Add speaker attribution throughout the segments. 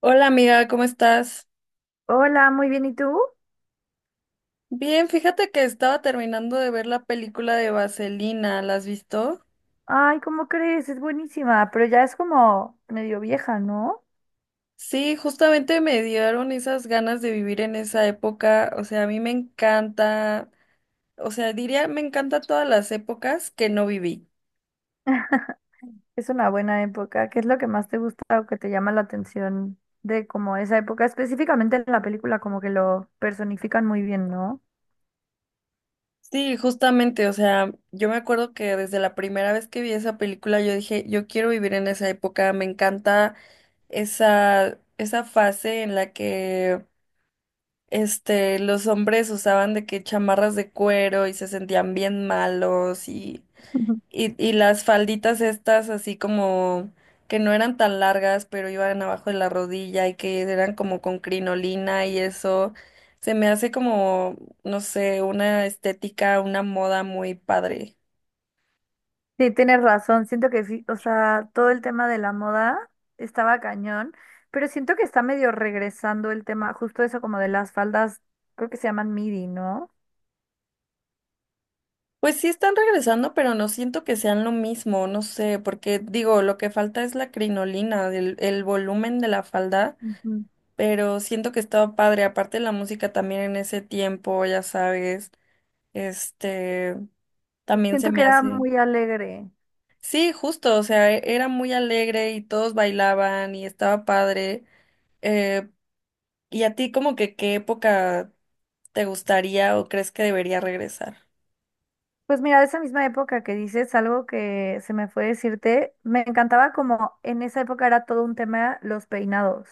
Speaker 1: Hola amiga, ¿cómo estás?
Speaker 2: Hola, muy bien, ¿y tú?
Speaker 1: Bien, fíjate que estaba terminando de ver la película de Vaselina, ¿la has visto?
Speaker 2: Ay, ¿cómo crees? Es buenísima, pero ya es como medio vieja, ¿no?
Speaker 1: Sí, justamente me dieron esas ganas de vivir en esa época, o sea, a mí me encanta, o sea, diría, me encanta todas las épocas que no viví.
Speaker 2: Es una buena época. ¿Qué es lo que más te gusta o que te llama la atención de como esa época? Específicamente en la película, como que lo personifican muy bien, ¿no?
Speaker 1: Sí, justamente, o sea, yo me acuerdo que desde la primera vez que vi esa película yo dije, yo quiero vivir en esa época, me encanta esa fase en la que los hombres usaban de que chamarras de cuero y se sentían bien malos y,
Speaker 2: Ujú.
Speaker 1: y, y las falditas estas así como que no eran tan largas, pero iban abajo de la rodilla y que eran como con crinolina y eso. Se me hace como, no sé, una estética, una moda muy padre.
Speaker 2: Sí, tienes razón. Siento que sí, o sea, todo el tema de la moda estaba cañón, pero siento que está medio regresando el tema, justo eso como de las faldas, creo que se llaman midi, ¿no?
Speaker 1: Pues sí están regresando, pero no siento que sean lo mismo, no sé, porque digo, lo que falta es la crinolina, el volumen de la falda,
Speaker 2: Ujú.
Speaker 1: pero siento que estaba padre. Aparte la música también en ese tiempo, ya sabes, este, también se
Speaker 2: Siento que
Speaker 1: me
Speaker 2: era
Speaker 1: hace.
Speaker 2: muy alegre.
Speaker 1: Sí, justo, o sea, era muy alegre y todos bailaban y estaba padre. Eh, ¿Y a ti como que qué época te gustaría o crees que debería regresar?
Speaker 2: Pues mira, de esa misma época que dices, algo que se me fue decirte, me encantaba como en esa época era todo un tema los peinados.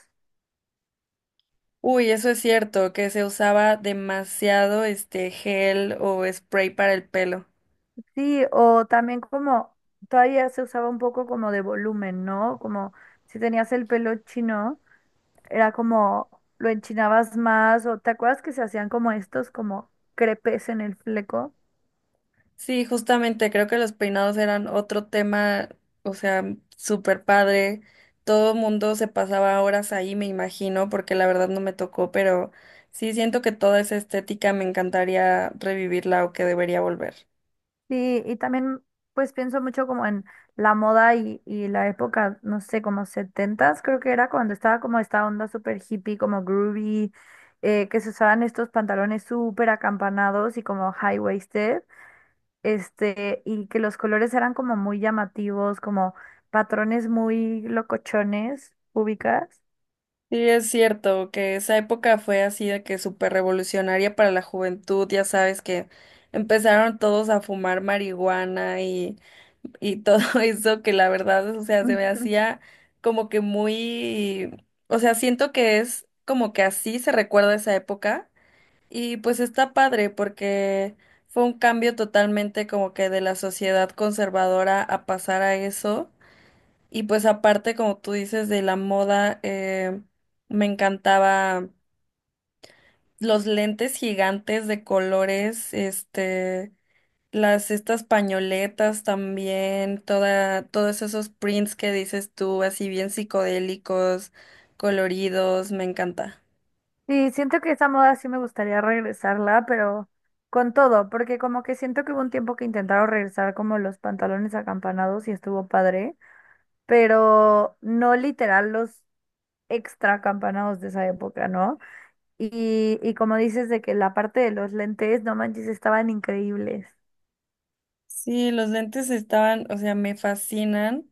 Speaker 1: Uy, eso es cierto, que se usaba demasiado este gel o spray para el pelo.
Speaker 2: Sí, o también como todavía se usaba un poco como de volumen, ¿no? Como si tenías el pelo chino, era como lo enchinabas más, o te acuerdas que se hacían como estos como crepes en el fleco.
Speaker 1: Sí, justamente creo que los peinados eran otro tema, o sea, súper padre. Todo mundo se pasaba horas ahí, me imagino, porque la verdad no me tocó, pero sí siento que toda esa estética me encantaría revivirla o que debería volver.
Speaker 2: Sí, y también pues pienso mucho como en la moda y la época, no sé, como setentas, creo que era cuando estaba como esta onda súper hippie, como groovy, que se usaban estos pantalones súper acampanados y como high-waisted, y que los colores eran como muy llamativos, como patrones muy locochones, ubicas.
Speaker 1: Sí, es cierto que esa época fue así de que súper revolucionaria para la juventud, ya sabes que empezaron todos a fumar marihuana y todo eso que la verdad, o sea, se me hacía como que muy, o sea, siento que es como que así se recuerda esa época y pues está padre porque fue un cambio totalmente como que de la sociedad conservadora a pasar a eso y pues aparte como tú dices de la moda, me encantaba los lentes gigantes de colores. Este... Las Estas pañoletas también, todos esos prints que dices tú, así bien psicodélicos, coloridos, me encanta.
Speaker 2: Sí, siento que esa moda sí me gustaría regresarla, pero con todo, porque como que siento que hubo un tiempo que intentaron regresar como los pantalones acampanados y estuvo padre, pero no literal los extra acampanados de esa época, ¿no? Y como dices de que la parte de los lentes, no manches, estaban increíbles.
Speaker 1: Sí, los lentes estaban, o sea, me fascinan.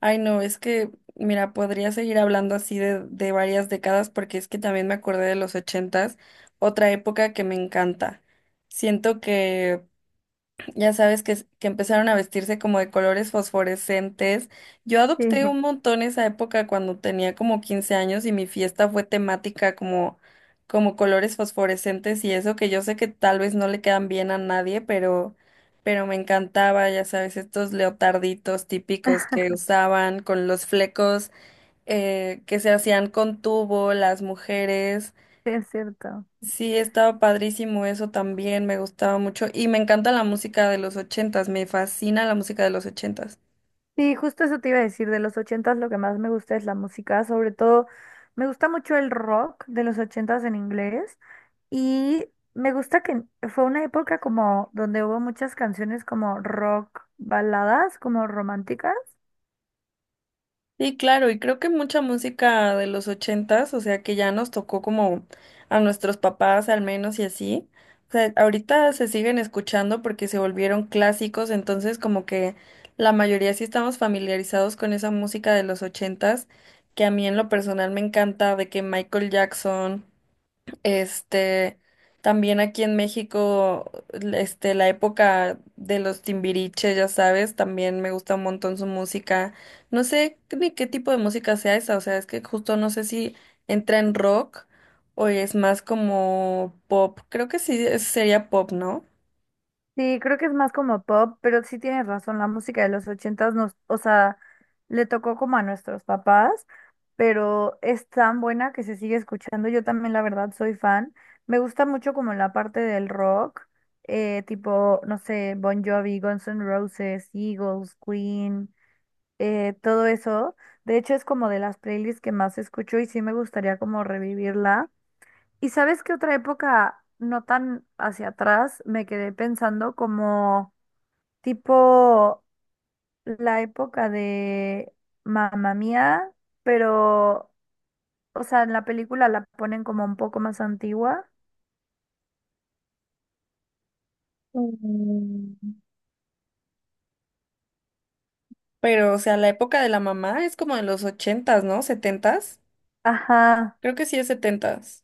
Speaker 1: Ay, no, es que, mira, podría seguir hablando así de varias décadas porque es que también me acordé de los ochentas, otra época que me encanta. Siento que Ya sabes que, empezaron a vestirse como de colores fosforescentes. Yo
Speaker 2: Sí,
Speaker 1: adopté un montón esa época cuando tenía como 15 años y mi fiesta fue temática como, colores fosforescentes y eso que yo sé que tal vez no le quedan bien a nadie, pero me encantaba, ya sabes, estos leotarditos típicos que usaban con los flecos, que se hacían con tubo las mujeres.
Speaker 2: sí es cierto.
Speaker 1: Sí, estaba padrísimo eso también, me gustaba mucho y me encanta la música de los ochentas, me fascina la música de los ochentas.
Speaker 2: Sí, justo eso te iba a decir, de los ochentas lo que más me gusta es la música, sobre todo me gusta mucho el rock de los ochentas en inglés. Y me gusta que fue una época como donde hubo muchas canciones como rock baladas, como románticas.
Speaker 1: Sí, claro, y creo que mucha música de los ochentas, o sea que ya nos tocó como a nuestros papás al menos y así. O sea, ahorita se siguen escuchando porque se volvieron clásicos, entonces como que la mayoría sí estamos familiarizados con esa música de los ochentas, que a mí en lo personal me encanta, de que Michael Jackson. Este, También aquí en México, la época de los Timbiriche, ya sabes, también me gusta un montón su música. No sé ni qué tipo de música sea esa, o sea, es que justo no sé si entra en rock o es más como pop. Creo que sí sería pop, ¿no?
Speaker 2: Sí, creo que es más como pop, pero sí tienes razón, la música de los ochentas nos, o sea, le tocó como a nuestros papás, pero es tan buena que se sigue escuchando. Yo también, la verdad, soy fan. Me gusta mucho como la parte del rock, tipo, no sé, Bon Jovi, Guns N' Roses, Eagles, Queen. Todo eso. De hecho, es como de las playlists que más escucho y sí me gustaría como revivirla. ¿Y sabes qué otra época, no tan hacia atrás, me quedé pensando como tipo la época de Mamma Mía, pero, o sea, en la película la ponen como un poco más antigua.
Speaker 1: Mm, Pero, o sea, la época de la mamá es como de los ochentas, ¿no? ¿Setentas?
Speaker 2: Ajá.
Speaker 1: Creo que sí es setentas.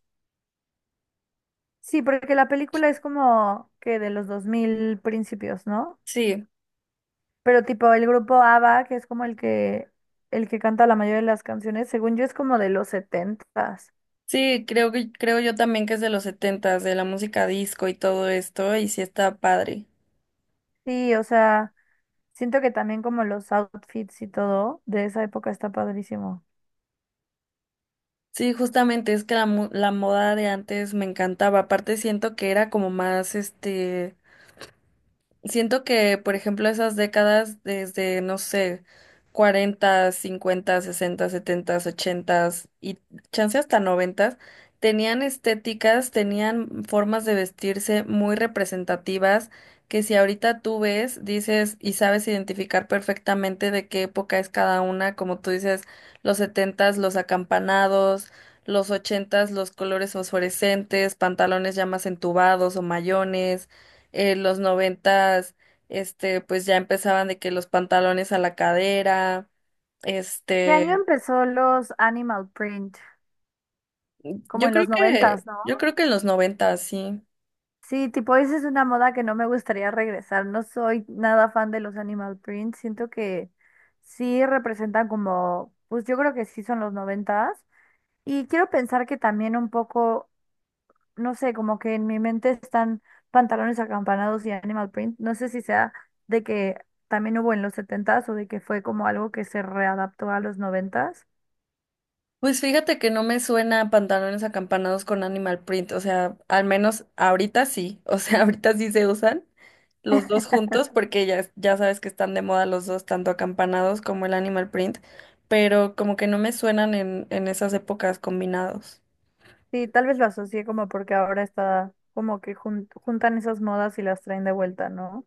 Speaker 2: Sí, porque la película es como que de los 2000 principios, ¿no?
Speaker 1: Sí.
Speaker 2: Pero tipo el grupo ABBA, que es como el que canta la mayoría de las canciones, según yo es como de los setentas.
Speaker 1: Sí, creo yo también que es de los setentas, de la música disco y todo esto, y sí está padre.
Speaker 2: Sí, o sea, siento que también como los outfits y todo de esa época está padrísimo.
Speaker 1: Sí, justamente es que la moda de antes me encantaba. Aparte siento que era como más. Siento que, por ejemplo, esas décadas desde, no sé, 40 50 60 70, 80 y chance hasta 90, tenían estéticas, tenían formas de vestirse muy representativas que si ahorita tú ves, dices y sabes identificar perfectamente de qué época es cada una, como tú dices, los 70, los acampanados, los 80, los colores fosforescentes, pantalones ya más entubados o mayones, los noventas, pues ya empezaban de que los pantalones a la cadera,
Speaker 2: ¿Qué año
Speaker 1: este,
Speaker 2: empezó los animal print? Como en los noventas, ¿no?
Speaker 1: yo creo que en los noventas, sí.
Speaker 2: Sí, tipo, esa es una moda que no me gustaría regresar. No soy nada fan de los animal print. Siento que sí representan como, pues yo creo que sí son los noventas. Y quiero pensar que también un poco no sé, como que en mi mente están pantalones acampanados y Animal Print. No sé si sea de que también hubo en los setentas o de que fue como algo que se readaptó a los noventas.
Speaker 1: Pues fíjate que no me suena pantalones acampanados con animal print, o sea, al menos ahorita sí, o sea, ahorita sí se usan los dos juntos porque ya sabes que están de moda los dos, tanto acampanados como el animal print, pero como que no me suenan en esas épocas combinados.
Speaker 2: Sí, tal vez lo asocié como porque ahora está como que jun- juntan esas modas y las traen de vuelta, ¿no?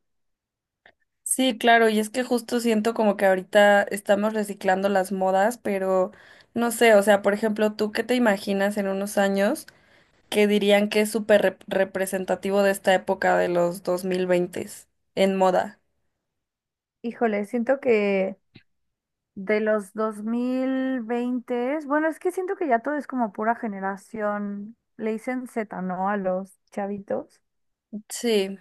Speaker 1: Sí, claro, y es que justo siento como que ahorita estamos reciclando las modas, pero no sé, o sea, por ejemplo, ¿tú qué te imaginas en unos años que dirían que es súper representativo de esta época de los 2020 en moda?
Speaker 2: Híjole, siento que de los 2020, bueno, es que siento que ya todo es como pura generación, le dicen Z, ¿no? A los chavitos.
Speaker 1: Sí,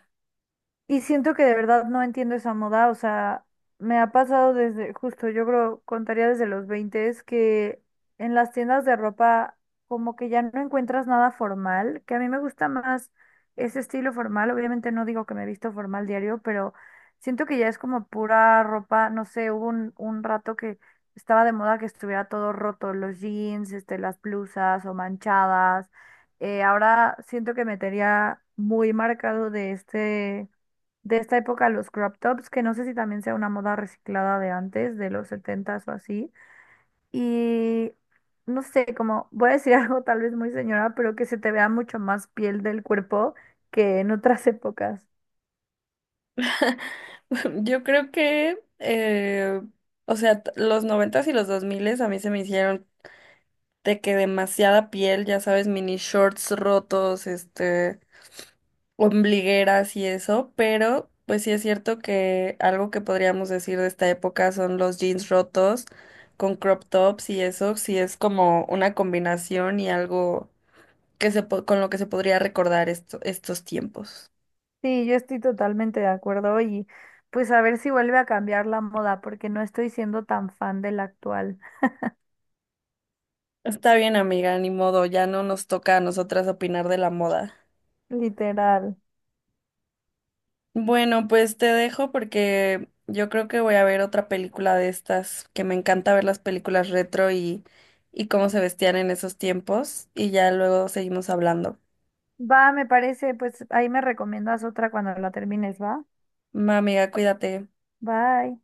Speaker 2: Y siento que de verdad no entiendo esa moda, o sea, me ha pasado desde, justo yo creo, contaría desde los 20 es que en las tiendas de ropa como que ya no encuentras nada formal, que a mí me gusta más ese estilo formal, obviamente no digo que me he visto formal diario, pero siento que ya es como pura ropa, no sé, hubo un rato que estaba de moda que estuviera todo roto, los jeans, las blusas o manchadas, ahora siento que me tenía muy marcado de de esta época los crop tops, que no sé si también sea una moda reciclada de antes, de los setentas o así. Y no sé, como voy a decir algo tal vez muy señora, pero que se te vea mucho más piel del cuerpo que en otras épocas.
Speaker 1: yo creo que, o sea, los 90s y los 2000s a mí se me hicieron de que demasiada piel, ya sabes, mini shorts rotos, ombligueras y eso, pero pues sí es cierto que algo que podríamos decir de esta época son los jeans rotos con crop tops y eso sí es como una combinación y algo con lo que se podría recordar estos tiempos.
Speaker 2: Sí, yo estoy totalmente de acuerdo y pues a ver si vuelve a cambiar la moda, porque no estoy siendo tan fan de la actual,
Speaker 1: Está bien, amiga, ni modo, ya no nos toca a nosotras opinar de la moda.
Speaker 2: literal.
Speaker 1: Bueno, pues te dejo porque yo creo que voy a ver otra película de estas, que me encanta ver las películas retro y cómo se vestían en esos tiempos, y ya luego seguimos hablando.
Speaker 2: Va, me parece, pues ahí me recomiendas otra cuando la termines, ¿va?
Speaker 1: Ma amiga, cuídate.
Speaker 2: Bye.